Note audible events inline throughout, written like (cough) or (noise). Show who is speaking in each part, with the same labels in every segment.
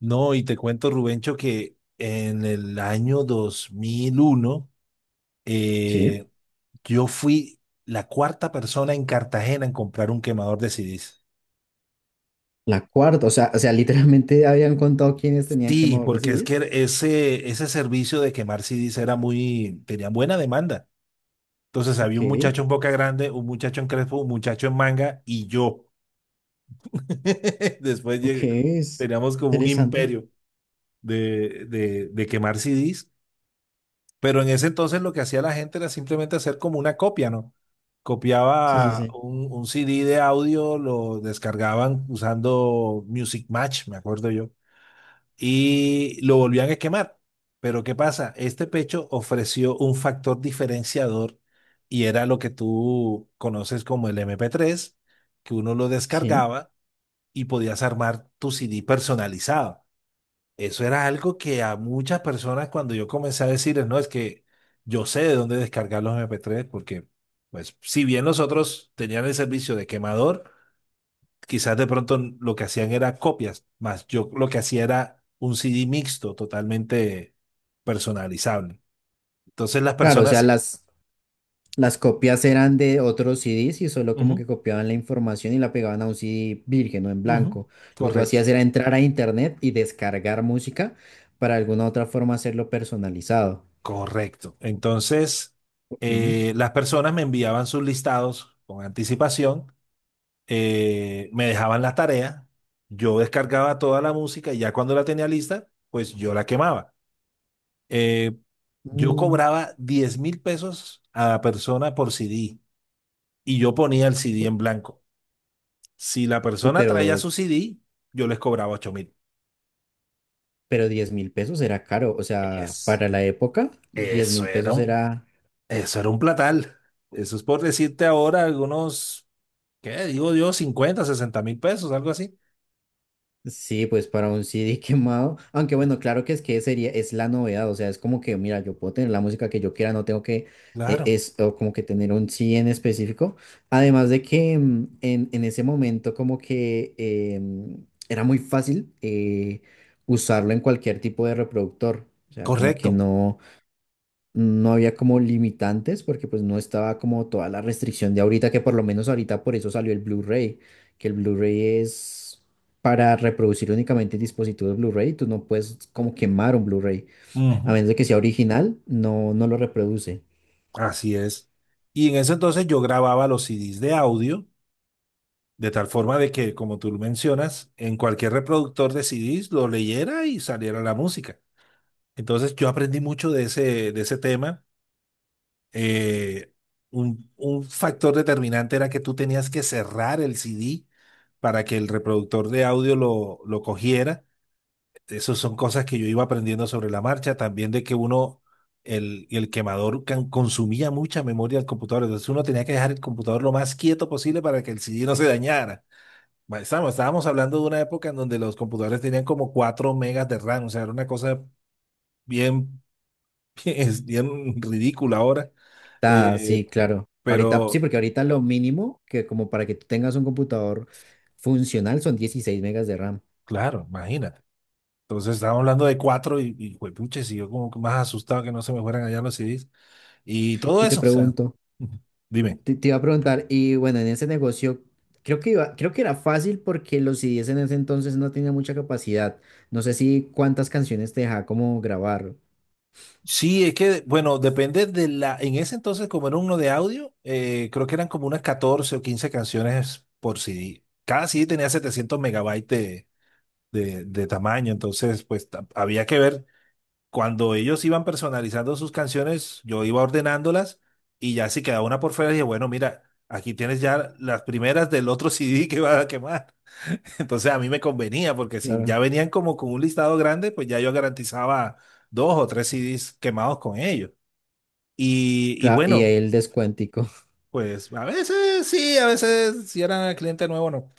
Speaker 1: No, y te cuento, Rubencho, que en el año 2001,
Speaker 2: Sí.
Speaker 1: eh, yo fui la cuarta persona en Cartagena en comprar un quemador de CDs.
Speaker 2: La cuarta, o sea, literalmente (laughs) habían contado quiénes tenían
Speaker 1: Sí,
Speaker 2: quemador de
Speaker 1: porque es
Speaker 2: CDs.
Speaker 1: que ese servicio de quemar CDs era muy, tenía buena demanda. Entonces había
Speaker 2: Ok,
Speaker 1: un muchacho en Boca Grande, un muchacho en Crespo, un muchacho en Manga y yo. (laughs) Después
Speaker 2: ok,
Speaker 1: llegué-
Speaker 2: es
Speaker 1: Teníamos como un
Speaker 2: interesante.
Speaker 1: imperio de quemar CDs. Pero en ese entonces lo que hacía la gente era simplemente hacer como una copia, ¿no?
Speaker 2: Sí, sí,
Speaker 1: Copiaba
Speaker 2: sí.
Speaker 1: un CD de audio, lo descargaban usando Music Match, me acuerdo yo, y lo volvían a quemar. Pero ¿qué pasa? Este pecho ofreció un factor diferenciador y era lo que tú conoces como el MP3, que uno lo
Speaker 2: Sí.
Speaker 1: descargaba y podías armar tu CD personalizado. Eso era algo que a muchas personas cuando yo comencé a decirles, no, es que yo sé de dónde descargar los MP3, porque pues si bien los otros tenían el servicio de quemador, quizás de pronto lo que hacían era copias, más yo lo que hacía era un CD mixto totalmente personalizable. Entonces las
Speaker 2: Claro, o
Speaker 1: personas.
Speaker 2: sea,
Speaker 1: Sí.
Speaker 2: las copias eran de otros CDs y solo como
Speaker 1: Ujú,
Speaker 2: que copiaban la información y la pegaban a un CD virgen o en
Speaker 1: ujú,
Speaker 2: blanco. Lo que tú
Speaker 1: correcto,
Speaker 2: hacías era entrar a internet y descargar música para alguna otra forma hacerlo personalizado.
Speaker 1: correcto. Entonces
Speaker 2: Ok.
Speaker 1: las personas me enviaban sus listados con anticipación, me dejaban las tareas, yo descargaba toda la música y ya cuando la tenía lista, pues yo la quemaba. Eh, yo
Speaker 2: Mm,
Speaker 1: cobraba 10.000 pesos a la persona por CD y yo ponía el CD en
Speaker 2: u-
Speaker 1: blanco. Si la
Speaker 2: uy,
Speaker 1: persona traía
Speaker 2: pero,
Speaker 1: su CD, yo les cobraba 8.000.
Speaker 2: pero 10.000 pesos era caro. O sea,
Speaker 1: Eso,
Speaker 2: para la época, diez
Speaker 1: eso
Speaker 2: mil
Speaker 1: era
Speaker 2: pesos
Speaker 1: un,
Speaker 2: era.
Speaker 1: eso era un platal. Eso es por decirte ahora algunos, ¿qué digo yo? Cincuenta 60 mil pesos, algo así.
Speaker 2: Sí, pues para un CD (laughs) quemado, aunque bueno, claro que es que sería, es la novedad, o sea, es como que, mira, yo puedo tener la música que yo quiera, no tengo que,
Speaker 1: Claro,
Speaker 2: es o como que tener un CD en específico, además de que en ese momento como que era muy fácil usarlo en cualquier tipo de reproductor, o sea, como que
Speaker 1: correcto.
Speaker 2: no había como limitantes porque pues no estaba como toda la restricción de ahorita, que por lo menos ahorita por eso salió el Blu-ray, que el Blu-ray es para reproducir únicamente dispositivos Blu-ray, tú no puedes como quemar un Blu-ray, a
Speaker 1: Ujú.
Speaker 2: menos de que sea original, no, no lo reproduce.
Speaker 1: Así es. Y en ese entonces yo grababa los CDs de audio, de tal forma de que, como tú mencionas, en cualquier reproductor de CDs lo leyera y saliera la música. Entonces yo aprendí mucho de ese tema. Eh, un factor determinante era que tú tenías que cerrar el CD para que el reproductor de audio lo cogiera. Esas son cosas que yo iba aprendiendo sobre la marcha, también de que uno, el quemador consumía mucha memoria del computador, entonces uno tenía que dejar el computador lo más quieto posible para que el CD no se dañara. Estábamos hablando de una época en donde los computadores tenían como 4 megas de RAM, o sea, era una cosa bien, (laughs) bien, es bien ridícula ahora.
Speaker 2: Ah,
Speaker 1: Eh,
Speaker 2: sí, claro. Ahorita, sí,
Speaker 1: pero
Speaker 2: porque ahorita lo mínimo que como para que tú tengas un computador funcional son 16 megas de RAM.
Speaker 1: claro, imagínate. Entonces estábamos hablando de 4 y juepuches, y yo como que más asustado que no se me fueran allá los CDs y
Speaker 2: (laughs)
Speaker 1: todo
Speaker 2: Y te
Speaker 1: eso, o sea,
Speaker 2: pregunto,
Speaker 1: (laughs) dime.
Speaker 2: Te iba a preguntar, y bueno, en ese negocio creo que era fácil porque los CDs en ese entonces no tenían mucha capacidad. No sé si cuántas canciones te dejaba como grabar.
Speaker 1: Sí, es que, bueno, depende de la. En ese entonces, como era uno de audio, creo que eran como unas 14 o 15 canciones por CD. Cada CD tenía 700 megabytes de tamaño, entonces, pues había que ver. Cuando ellos iban personalizando sus canciones, yo iba ordenándolas y ya si quedaba una por fuera, dije, bueno, mira, aquí tienes ya las primeras del otro (laughs) CD que va a quemar. (laughs) Entonces, a mí me convenía, porque si
Speaker 2: Claro.
Speaker 1: ya venían como con un listado grande, pues ya yo garantizaba 2 o 3 CDs quemados con ellos. Y
Speaker 2: Claro, y ahí
Speaker 1: bueno,
Speaker 2: el descuentico. (laughs)
Speaker 1: pues a veces sí, a veces si era cliente nuevo, no.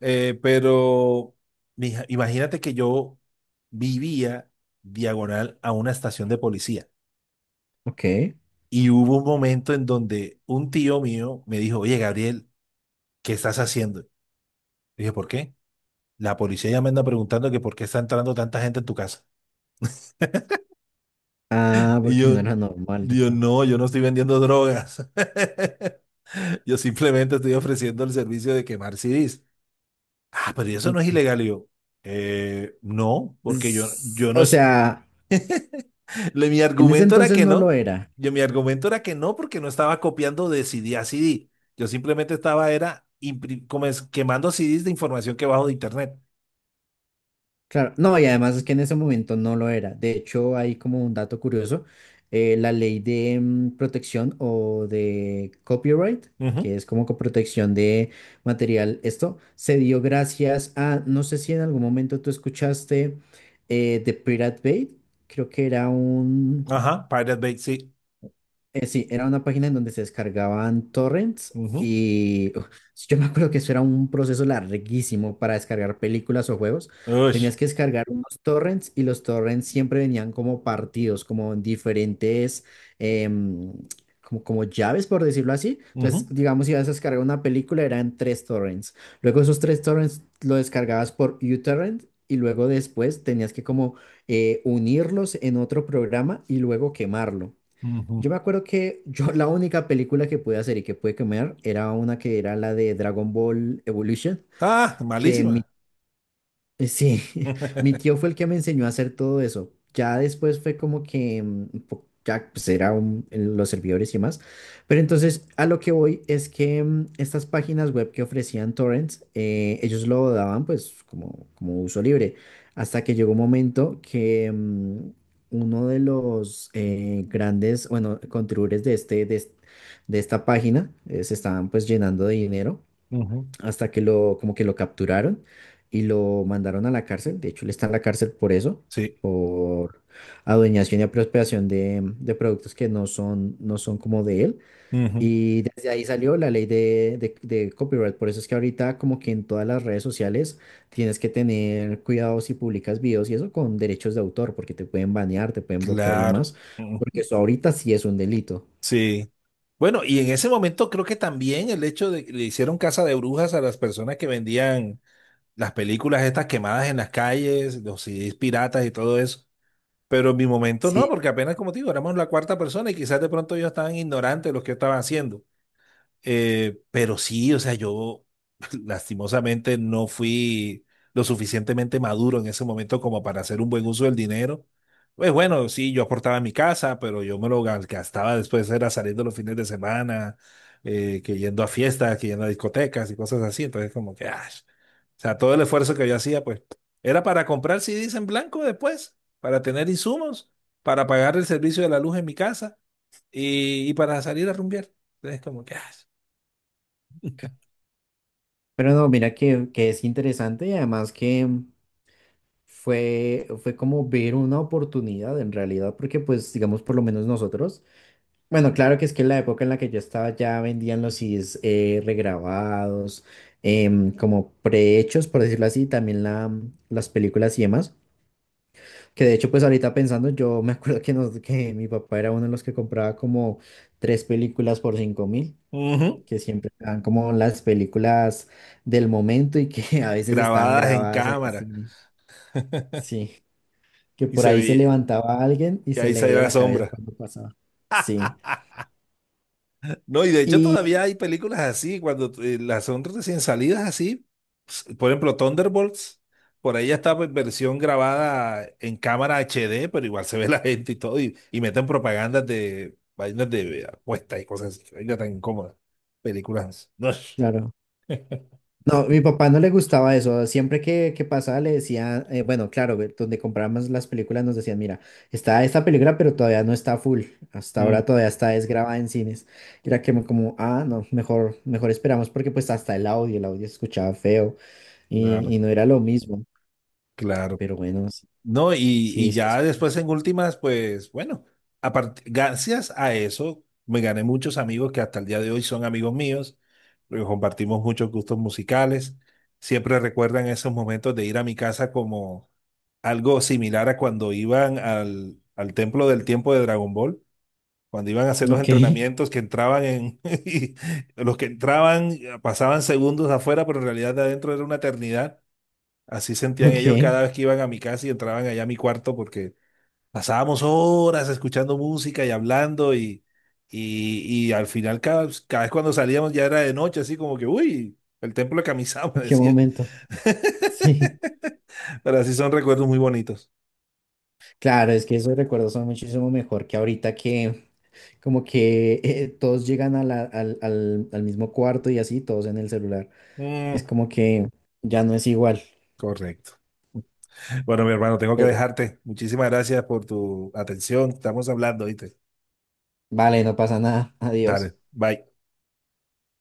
Speaker 1: Pero, mija, imagínate que yo vivía diagonal a una estación de policía
Speaker 2: Ok.
Speaker 1: y hubo un momento en donde un tío mío me dijo, oye, Gabriel, ¿qué estás haciendo? Y dije, ¿por qué? La policía ya me anda preguntando que por qué está entrando tanta gente en tu casa.
Speaker 2: Ah,
Speaker 1: Y
Speaker 2: porque no
Speaker 1: yo,
Speaker 2: era normal, yo
Speaker 1: Dios,
Speaker 2: creo.
Speaker 1: no, yo no estoy vendiendo drogas. (laughs) Yo simplemente estoy ofreciendo el servicio de quemar CDs. Ah, pero eso no es
Speaker 2: Ok.
Speaker 1: ilegal. Y yo, No, porque yo,
Speaker 2: Es-
Speaker 1: yo no
Speaker 2: o
Speaker 1: es.
Speaker 2: sea,
Speaker 1: (laughs) Mi
Speaker 2: en ese
Speaker 1: argumento era
Speaker 2: entonces
Speaker 1: que
Speaker 2: no lo
Speaker 1: no.
Speaker 2: era.
Speaker 1: Yo, mi argumento era que no, porque no estaba copiando de CD a CD. Yo simplemente estaba, era como es, quemando CDs de información que bajo de internet.
Speaker 2: Claro, no, y además es que en ese momento no lo era. De hecho, hay como un dato curioso, la ley de protección o de copyright,
Speaker 1: Ujú.
Speaker 2: que es como protección de material. Esto se dio gracias a, no sé si en algún momento tú escuchaste The Pirate Bay. Creo que era un,
Speaker 1: Ajá, Pirate Bay, sí.
Speaker 2: sí, era una página en donde se descargaban torrents
Speaker 1: Ujú,
Speaker 2: y uf, yo me acuerdo que eso era un proceso larguísimo para descargar películas o juegos.
Speaker 1: ush,
Speaker 2: Tenías que descargar unos torrents y los torrents siempre venían como partidos, como en diferentes, em, como llaves, por decirlo así. Entonces,
Speaker 1: ujú,
Speaker 2: digamos, si ibas a descargar una película, eran tres torrents. Luego esos tres torrents lo descargabas por uTorrent y luego después tenías que como unirlos en otro programa y luego quemarlo.
Speaker 1: ujú.
Speaker 2: Yo me acuerdo que (laughs) yo la única película que pude hacer y que pude comer era una que era la de Dragon Ball Evolution,
Speaker 1: Ah,
Speaker 2: que
Speaker 1: malísima.
Speaker 2: sí, (laughs) mi
Speaker 1: (laughs)
Speaker 2: tío fue el que me enseñó a hacer todo eso. Ya después fue como que ya pues era en los servidores y demás. Pero entonces a lo que voy es que estas páginas web que ofrecían torrents, ellos lo daban pues como, uso libre. Hasta que llegó un momento que uno de los grandes, bueno, contribuyentes de este, de, es- de esta página se estaban pues llenando de dinero
Speaker 1: Ujú.
Speaker 2: hasta que como que lo capturaron y lo mandaron a la cárcel. De hecho, él está en la cárcel por eso,
Speaker 1: Sí.
Speaker 2: por adueñación y apropiación de productos que no son como de él.
Speaker 1: Ujú.
Speaker 2: Y desde ahí salió la ley de copyright. Por eso es que ahorita como que en todas las redes sociales tienes que tener cuidado si publicas videos y eso con derechos de autor, porque te pueden banear, te pueden bloquear y
Speaker 1: Claro.
Speaker 2: demás, porque eso ahorita sí es un delito.
Speaker 1: Sí. Bueno, y en ese momento creo que también el hecho de que le hicieron casa de brujas a las personas que vendían las películas estas quemadas en las calles, los CDs piratas y todo eso. Pero en mi momento no,
Speaker 2: Sí,
Speaker 1: porque apenas como te digo, éramos la cuarta persona y quizás de pronto ellos estaban ignorantes de lo que yo estaba haciendo. Pero sí, o sea, yo (laughs) lastimosamente no fui lo suficientemente maduro en ese momento como para hacer un buen uso del dinero. Pues bueno, sí, yo aportaba a mi casa, pero yo me lo gastaba después, era saliendo los fines de semana, que yendo a fiestas, que yendo a discotecas y cosas así. Entonces, como que, ah, o sea, todo el esfuerzo que yo hacía, pues, era para comprar CDs en blanco después, para tener insumos, para pagar el servicio de la luz en mi casa y para salir a rumbear. Entonces, como que, ah.
Speaker 2: ca- pero no, mira que es interesante y además que, fue como ver una oportunidad en realidad, porque pues digamos por lo menos nosotros, bueno, claro que es que en la época en la que yo estaba ya vendían los CDs regrabados, como prehechos, por decirlo así, también las películas y demás, que de hecho pues ahorita pensando, yo me acuerdo que mi papá era uno de los que compraba como tres películas por 5.000.
Speaker 1: Ujú.
Speaker 2: Que siempre eran como las películas del momento y que (laughs) a veces estaban
Speaker 1: Grabadas en
Speaker 2: grabadas en
Speaker 1: cámara.
Speaker 2: cine.
Speaker 1: (laughs)
Speaker 2: Sí, que
Speaker 1: Y
Speaker 2: por
Speaker 1: se
Speaker 2: ahí se
Speaker 1: veía,
Speaker 2: levantaba alguien y
Speaker 1: y
Speaker 2: se
Speaker 1: ahí
Speaker 2: le
Speaker 1: salía
Speaker 2: veía
Speaker 1: la
Speaker 2: la cabeza
Speaker 1: sombra.
Speaker 2: cuando pasaba. Sí.
Speaker 1: No, y de hecho
Speaker 2: Y
Speaker 1: todavía hay películas así, cuando las son recién salidas así. Por ejemplo, Thunderbolts, por ahí ya está en versión grabada en cámara HD, pero igual se ve la gente y todo, y meten propagandas de vainas de apuestas y cosas así. Vainas tan incómodas. Películas. No.
Speaker 2: claro, no, mi papá no le gustaba eso. Siempre que pasaba le decía, bueno, claro, donde comprábamos las películas nos decían, mira, está esta película, pero todavía no está full. Hasta
Speaker 1: Mm,
Speaker 2: ahora todavía está desgrabada en cines. Y era que como, ah, no, mejor, mejor esperamos porque pues hasta el audio se escuchaba feo y,
Speaker 1: claro,
Speaker 2: y no era lo mismo.
Speaker 1: claro.
Speaker 2: Pero bueno, sí,
Speaker 1: No, y,
Speaker 2: sí,
Speaker 1: y
Speaker 2: sí,
Speaker 1: ya
Speaker 2: eso
Speaker 1: después
Speaker 2: es.
Speaker 1: en últimas, pues bueno, gracias a eso me gané muchos amigos que hasta el día de hoy son amigos míos, porque compartimos muchos gustos musicales. Siempre recuerdan esos momentos de ir a mi casa como algo similar a cuando iban al templo del tiempo de Dragon Ball, cuando iban a hacer los
Speaker 2: Ok,
Speaker 1: entrenamientos que entraban en, (laughs) y los que entraban pasaban segundos afuera, pero en realidad de adentro era una eternidad. Así
Speaker 2: (laughs)
Speaker 1: sentían
Speaker 2: ok,
Speaker 1: ellos cada vez que iban a mi casa y entraban allá a mi cuarto porque pasábamos horas escuchando música y hablando y al final cada vez cuando salíamos ya era de noche, así como que, uy, el templo de Kamisama, (laughs)
Speaker 2: ¿en qué
Speaker 1: decía.
Speaker 2: momento? Sí.
Speaker 1: Pero así son recuerdos muy bonitos.
Speaker 2: Claro, es que esos recuerdos son muchísimo mejor que ahorita que como que todos llegan al mismo cuarto y así, todos en el celular. Y es
Speaker 1: Mm,
Speaker 2: como que ya no es igual,
Speaker 1: correcto. Bueno, mi hermano, tengo que
Speaker 2: pero
Speaker 1: dejarte. Muchísimas gracias por tu atención. Estamos hablando, ¿viste?
Speaker 2: vale, no pasa nada, adiós.
Speaker 1: Dale, bye.